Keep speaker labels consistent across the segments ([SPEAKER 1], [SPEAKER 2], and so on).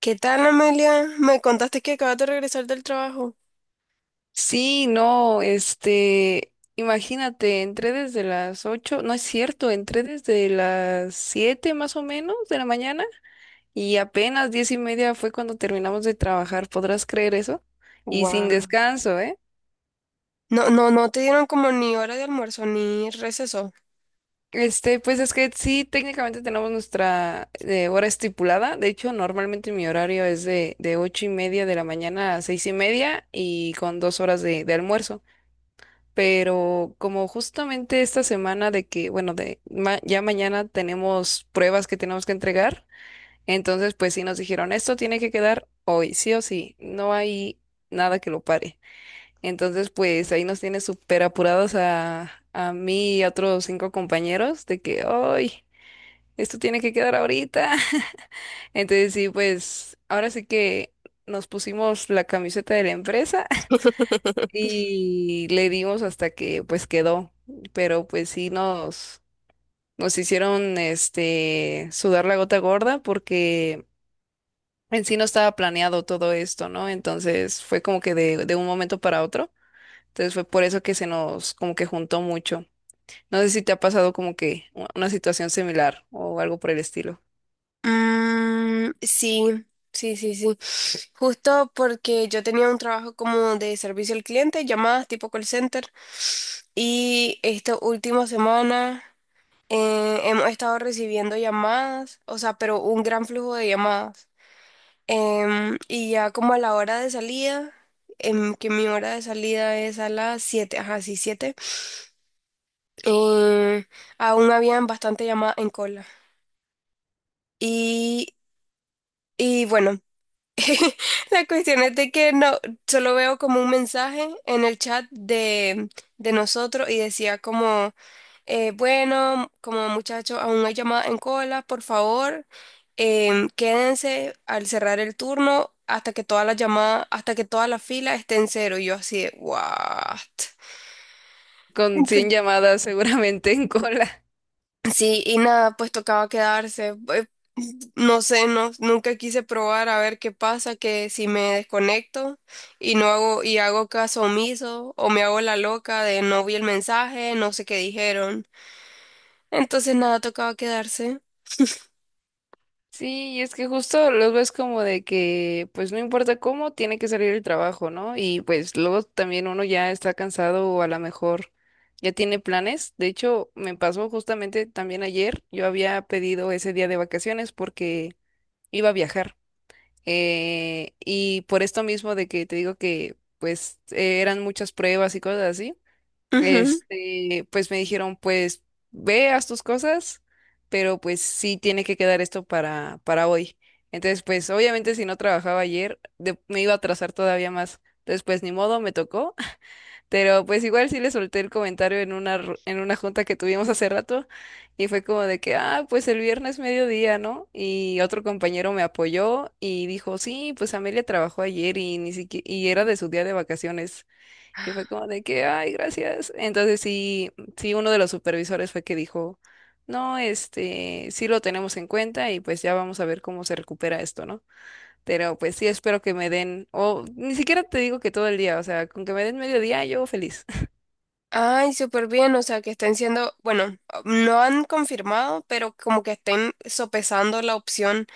[SPEAKER 1] ¿Qué tal, Amelia? Me contaste que acabas de regresar del trabajo.
[SPEAKER 2] Sí, no, este, Imagínate, entré desde las 8, no es cierto, entré desde las 7 más o menos de la mañana y apenas 10:30 fue cuando terminamos de trabajar, ¿podrás creer eso? Y sin
[SPEAKER 1] Wow.
[SPEAKER 2] descanso, ¿eh?
[SPEAKER 1] No, no, no te dieron como ni hora de almuerzo ni receso.
[SPEAKER 2] Pues es que sí, técnicamente tenemos nuestra hora estipulada, de hecho, normalmente mi horario es de 8:30 de la mañana a 6:30 y con 2 horas de almuerzo. Pero como justamente esta semana de que, bueno, ya mañana tenemos pruebas que tenemos que entregar, entonces pues sí nos dijeron, esto tiene que quedar hoy, sí o sí, no hay nada que lo pare. Entonces pues ahí nos tiene súper apurados a mí y a otros cinco compañeros de que, hoy, esto tiene que quedar ahorita. Entonces sí, pues ahora sí que nos pusimos la camiseta de la empresa y le dimos hasta que pues quedó, pero pues sí nos, nos hicieron este sudar la gota gorda porque en sí no estaba planeado todo esto, ¿no? Entonces fue como que de un momento para otro. Entonces fue por eso que se nos como que juntó mucho. No sé si te ha pasado como que una situación similar o algo por el estilo.
[SPEAKER 1] Mm, sí, sí, sí, sí. Justo porque yo tenía un trabajo como de servicio al cliente, llamadas tipo call center. Y esta última semana hemos estado recibiendo llamadas, o sea, pero un gran flujo de llamadas. Y ya como a la hora de salida, que mi hora de salida es a las siete, ajá, sí, siete, eh, aún habían bastante llamada en cola. Y, y bueno, la cuestión es de que no, solo veo como un mensaje en el chat de nosotros y decía como, bueno, como muchachos, aún no hay llamadas en cola, por favor, quédense al cerrar el turno hasta que todas las llamadas, hasta que toda la fila esté en cero. Y yo así de, "¿What?".
[SPEAKER 2] Con 100 llamadas seguramente en cola.
[SPEAKER 1] Sí, y nada, pues tocaba quedarse. No sé, no, nunca quise probar a ver qué pasa, que si me desconecto y no hago, y hago caso omiso, o me hago la loca de no vi el mensaje, no sé qué dijeron. Entonces nada, tocaba quedarse.
[SPEAKER 2] Sí, y es que justo los ves como de que, pues no importa cómo, tiene que salir el trabajo, ¿no? Y pues luego también uno ya está cansado o a lo mejor ya tiene planes. De hecho, me pasó justamente también ayer, yo había pedido ese día de vacaciones porque iba a viajar. Y por esto mismo de que te digo que pues eran muchas pruebas y cosas así.
[SPEAKER 1] Ujú.
[SPEAKER 2] Pues me dijeron, pues ve, haz tus cosas, pero pues sí tiene que quedar esto para hoy. Entonces, pues obviamente si no trabajaba ayer, me iba a atrasar todavía más. Entonces, pues ni modo, me tocó. Pero pues igual sí le solté el comentario en en una junta que tuvimos hace rato y fue como de que, ah, pues el viernes mediodía, ¿no? Y otro compañero me apoyó y dijo, sí, pues Amelia trabajó ayer y ni siquiera, y era de su día de vacaciones. Y fue como de que, ay, gracias. Entonces sí, sí, uno de los supervisores fue que dijo, no, sí lo tenemos en cuenta y pues ya vamos a ver cómo se recupera esto, ¿no? Pero pues sí, espero que me den, o ni siquiera te digo que todo el día, o sea, con que me den medio día, yo feliz.
[SPEAKER 1] Ay, súper bien, o sea que estén siendo, bueno, no han confirmado, pero como que estén sopesando la opción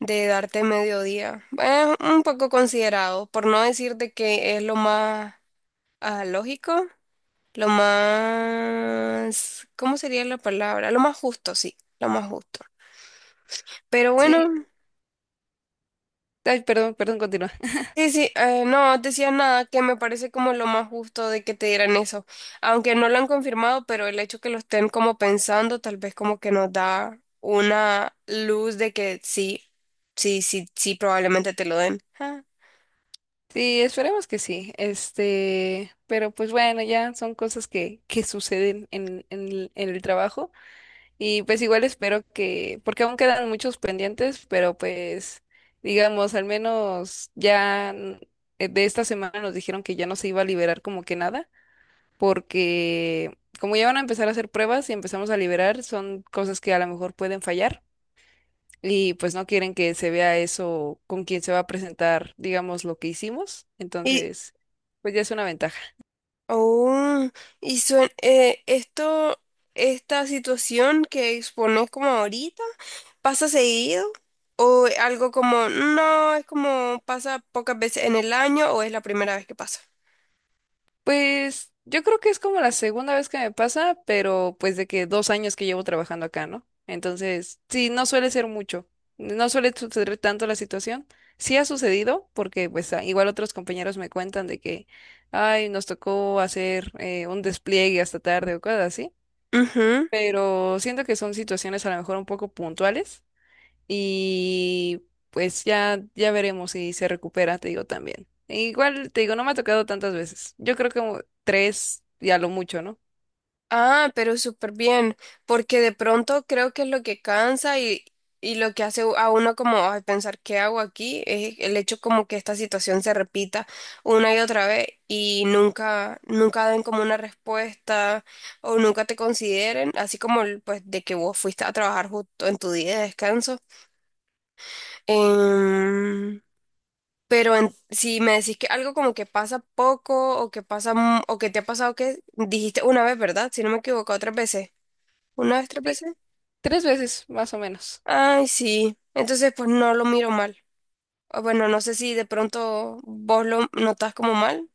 [SPEAKER 1] de darte mediodía. Es un poco considerado, por no decir de que es lo más. Ah, lógico, lo más, ¿cómo sería la palabra? Lo más justo, sí, lo más justo. Pero
[SPEAKER 2] Sí,
[SPEAKER 1] bueno,
[SPEAKER 2] ay, perdón, perdón, continúa.
[SPEAKER 1] sí, sí, no decía nada que me parece como lo más justo de que te dieran eso, aunque no lo han confirmado, pero el hecho que lo estén como pensando, tal vez como que nos da una luz de que sí, sí, sí, sí, probablemente te lo den. Ah.
[SPEAKER 2] Sí, esperemos que sí, pero pues bueno, ya son cosas que suceden en, en el trabajo. Y pues igual espero que, porque aún quedan muchos pendientes, pero pues digamos, al menos de esta semana nos dijeron que ya no se iba a liberar como que nada, porque como ya van a empezar a hacer pruebas y empezamos a liberar, son cosas que a lo mejor pueden fallar y pues no quieren que se vea eso con quien se va a presentar, digamos, lo que hicimos.
[SPEAKER 1] Y,
[SPEAKER 2] Entonces, pues ya es una ventaja.
[SPEAKER 1] Oh, y esta situación que expones como ahorita, ¿pasa seguido? ¿O algo como, no, es como pasa pocas veces en el año o es la primera vez que pasa?
[SPEAKER 2] Pues yo creo que es como la segunda vez que me pasa, pero pues de que 2 años que llevo trabajando acá, ¿no? Entonces, sí, no suele ser mucho, no suele suceder tanto la situación. Sí ha sucedido, porque pues igual otros compañeros me cuentan de que, ay, nos tocó hacer un despliegue hasta tarde o cosas así, pero siento que son situaciones a lo mejor un poco puntuales y pues ya, ya veremos si se recupera, te digo también. Igual, te digo, no me ha tocado tantas veces. Yo creo que como tres y a lo mucho, ¿no?
[SPEAKER 1] Ah, pero súper bien, porque de pronto creo que es lo que cansa y lo que hace a uno como, "Ay, pensar qué hago aquí". Es el hecho como que esta situación se repita una y otra vez y nunca, nunca den como una respuesta o nunca te consideren, así como el, pues de que vos fuiste a trabajar justo en tu día de descanso. Em, pero si me decís que algo como que pasa poco o que pasa, o que te ha pasado que dijiste una vez, ¿verdad? Si no me equivoco, otras veces. ¿Una vez, tres
[SPEAKER 2] Sí,
[SPEAKER 1] veces?
[SPEAKER 2] tres veces, más o menos.
[SPEAKER 1] Ay, sí. Entonces, pues no lo miro mal. O bueno, no sé si de pronto vos lo notas como mal.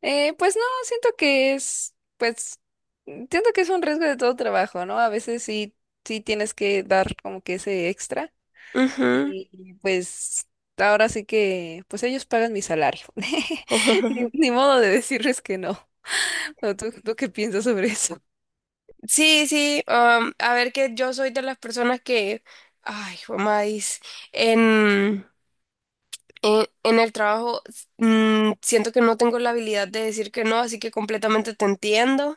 [SPEAKER 2] Pues no, siento que es, pues, mm, siento que es un riesgo de todo trabajo, ¿no? A veces sí, sí tienes que dar como que ese extra.
[SPEAKER 1] Ujú.
[SPEAKER 2] Pues ahora sí que, pues ellos pagan mi salario. Ni, ni modo de decirles que no. ¿O ¿Tú qué piensas sobre eso?
[SPEAKER 1] Sí, sí. A ver, que yo soy de las personas que, ay, mamá, en el trabajo siento que no tengo la habilidad de decir que no, así que completamente te entiendo.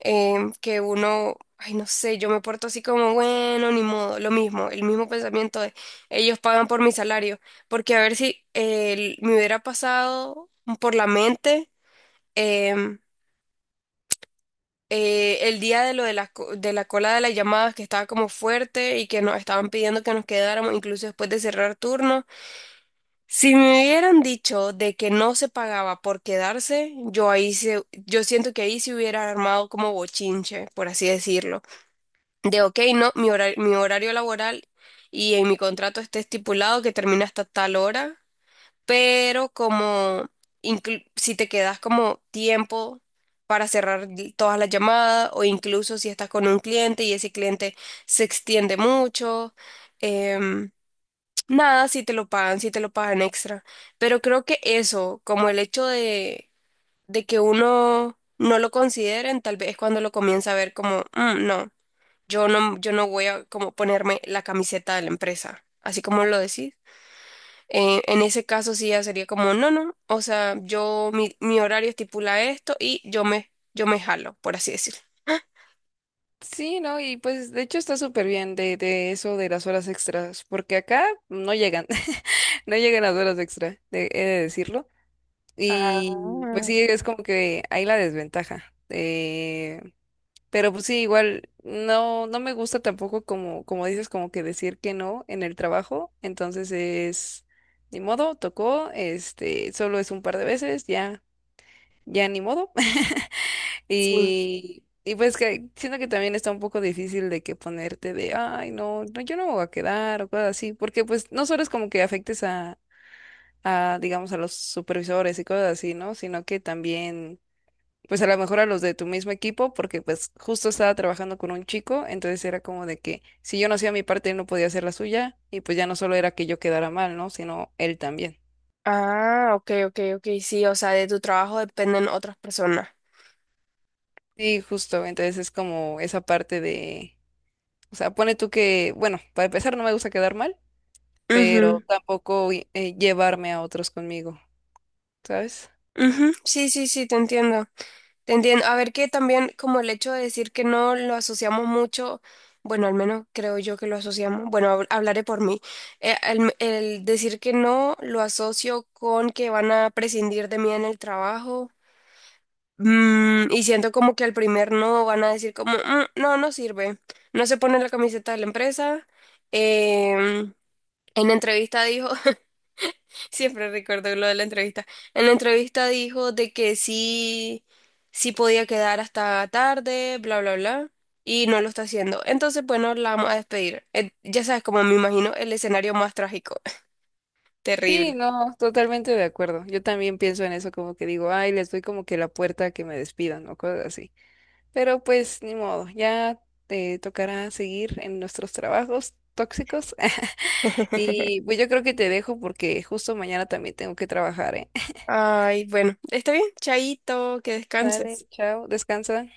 [SPEAKER 1] Que uno, ay, no sé, yo me porto así como, bueno, ni modo, lo mismo, el mismo pensamiento de ellos pagan por mi salario, porque a ver si me hubiera pasado por la mente, em, el día de lo de la cola de las llamadas que estaba como fuerte y que nos estaban pidiendo que nos quedáramos, incluso después de cerrar turno. Si me hubieran dicho de que no se pagaba por quedarse, yo ahí se, yo siento que ahí se hubiera armado como bochinche, por así decirlo. De, ok, no, mi horario laboral, y en mi contrato está estipulado que termina hasta tal hora, pero como si te quedas como tiempo para cerrar todas las llamadas, o incluso si estás con un cliente y ese cliente se extiende mucho, em, nada, si te lo pagan, si te lo pagan extra. Pero creo que eso, como el hecho de, que uno no lo consideren, tal vez es cuando lo comienza a ver como, "Mm, no. Yo no, voy a como ponerme la camiseta de la empresa, así como lo decís. En ese caso sí ya sería como, no, no, o sea, yo, mi horario estipula esto y yo me jalo, por así decirlo".
[SPEAKER 2] Sí, ¿no? Y pues de hecho está súper bien de eso de las horas extras, porque acá no llegan, no llegan las horas extra, he de decirlo.
[SPEAKER 1] Ah,
[SPEAKER 2] Y pues sí, es como que hay la desventaja. Pero pues sí, igual no, no me gusta tampoco como, como dices, como que decir que no en el trabajo. Entonces es, ni modo, tocó, solo es un par de veces, ya, ya ni modo. Y pues que siento que también está un poco difícil de que ponerte de, ay, no, no, yo no me voy a quedar o cosas así, porque pues no solo es como que afectes a, digamos, a los supervisores y cosas así, ¿no? Sino que también, pues a lo mejor a los de tu mismo equipo, porque pues justo estaba trabajando con un chico, entonces era como de que si yo no hacía mi parte, él no podía hacer la suya, y pues ya no solo era que yo quedara mal, ¿no? Sino él también.
[SPEAKER 1] ah, ok, ok, ok, sí, o sea, de tu trabajo dependen otras personas.
[SPEAKER 2] Sí, justo, entonces es como esa parte de, o sea, pone tú que, bueno, para empezar no me gusta quedar mal. Pero
[SPEAKER 1] Ujú,
[SPEAKER 2] tampoco llevarme a otros conmigo, ¿sabes?
[SPEAKER 1] ujú, sí, sí, sí, te entiendo. Te entiendo. A ver, que también como el hecho de decir que no lo asociamos mucho, bueno, al menos creo yo que lo asociamos, bueno, hablaré por mí. El decir que no lo asocio con que van a prescindir de mí en el trabajo, y siento como que al primer no van a decir como, "Mm, no, no sirve, no se pone la camiseta de la empresa, em, en entrevista dijo". Siempre recuerdo lo de la entrevista. En la entrevista dijo de que sí, sí podía quedar hasta tarde, bla, bla, bla, y no lo está haciendo. Entonces, bueno, la vamos a despedir. Ya sabes, como me imagino, el escenario más trágico.
[SPEAKER 2] Sí,
[SPEAKER 1] Terrible.
[SPEAKER 2] no, totalmente de acuerdo. Yo también pienso en eso como que digo, ay, les doy como que la puerta a que me despidan o cosas así. Pero pues ni modo, ya te tocará seguir en nuestros trabajos tóxicos. Y pues yo creo que te dejo porque justo mañana también tengo que trabajar, ¿eh?
[SPEAKER 1] Ay, bueno, está bien, chaito, que
[SPEAKER 2] Dale,
[SPEAKER 1] descanses.
[SPEAKER 2] chao, descansa.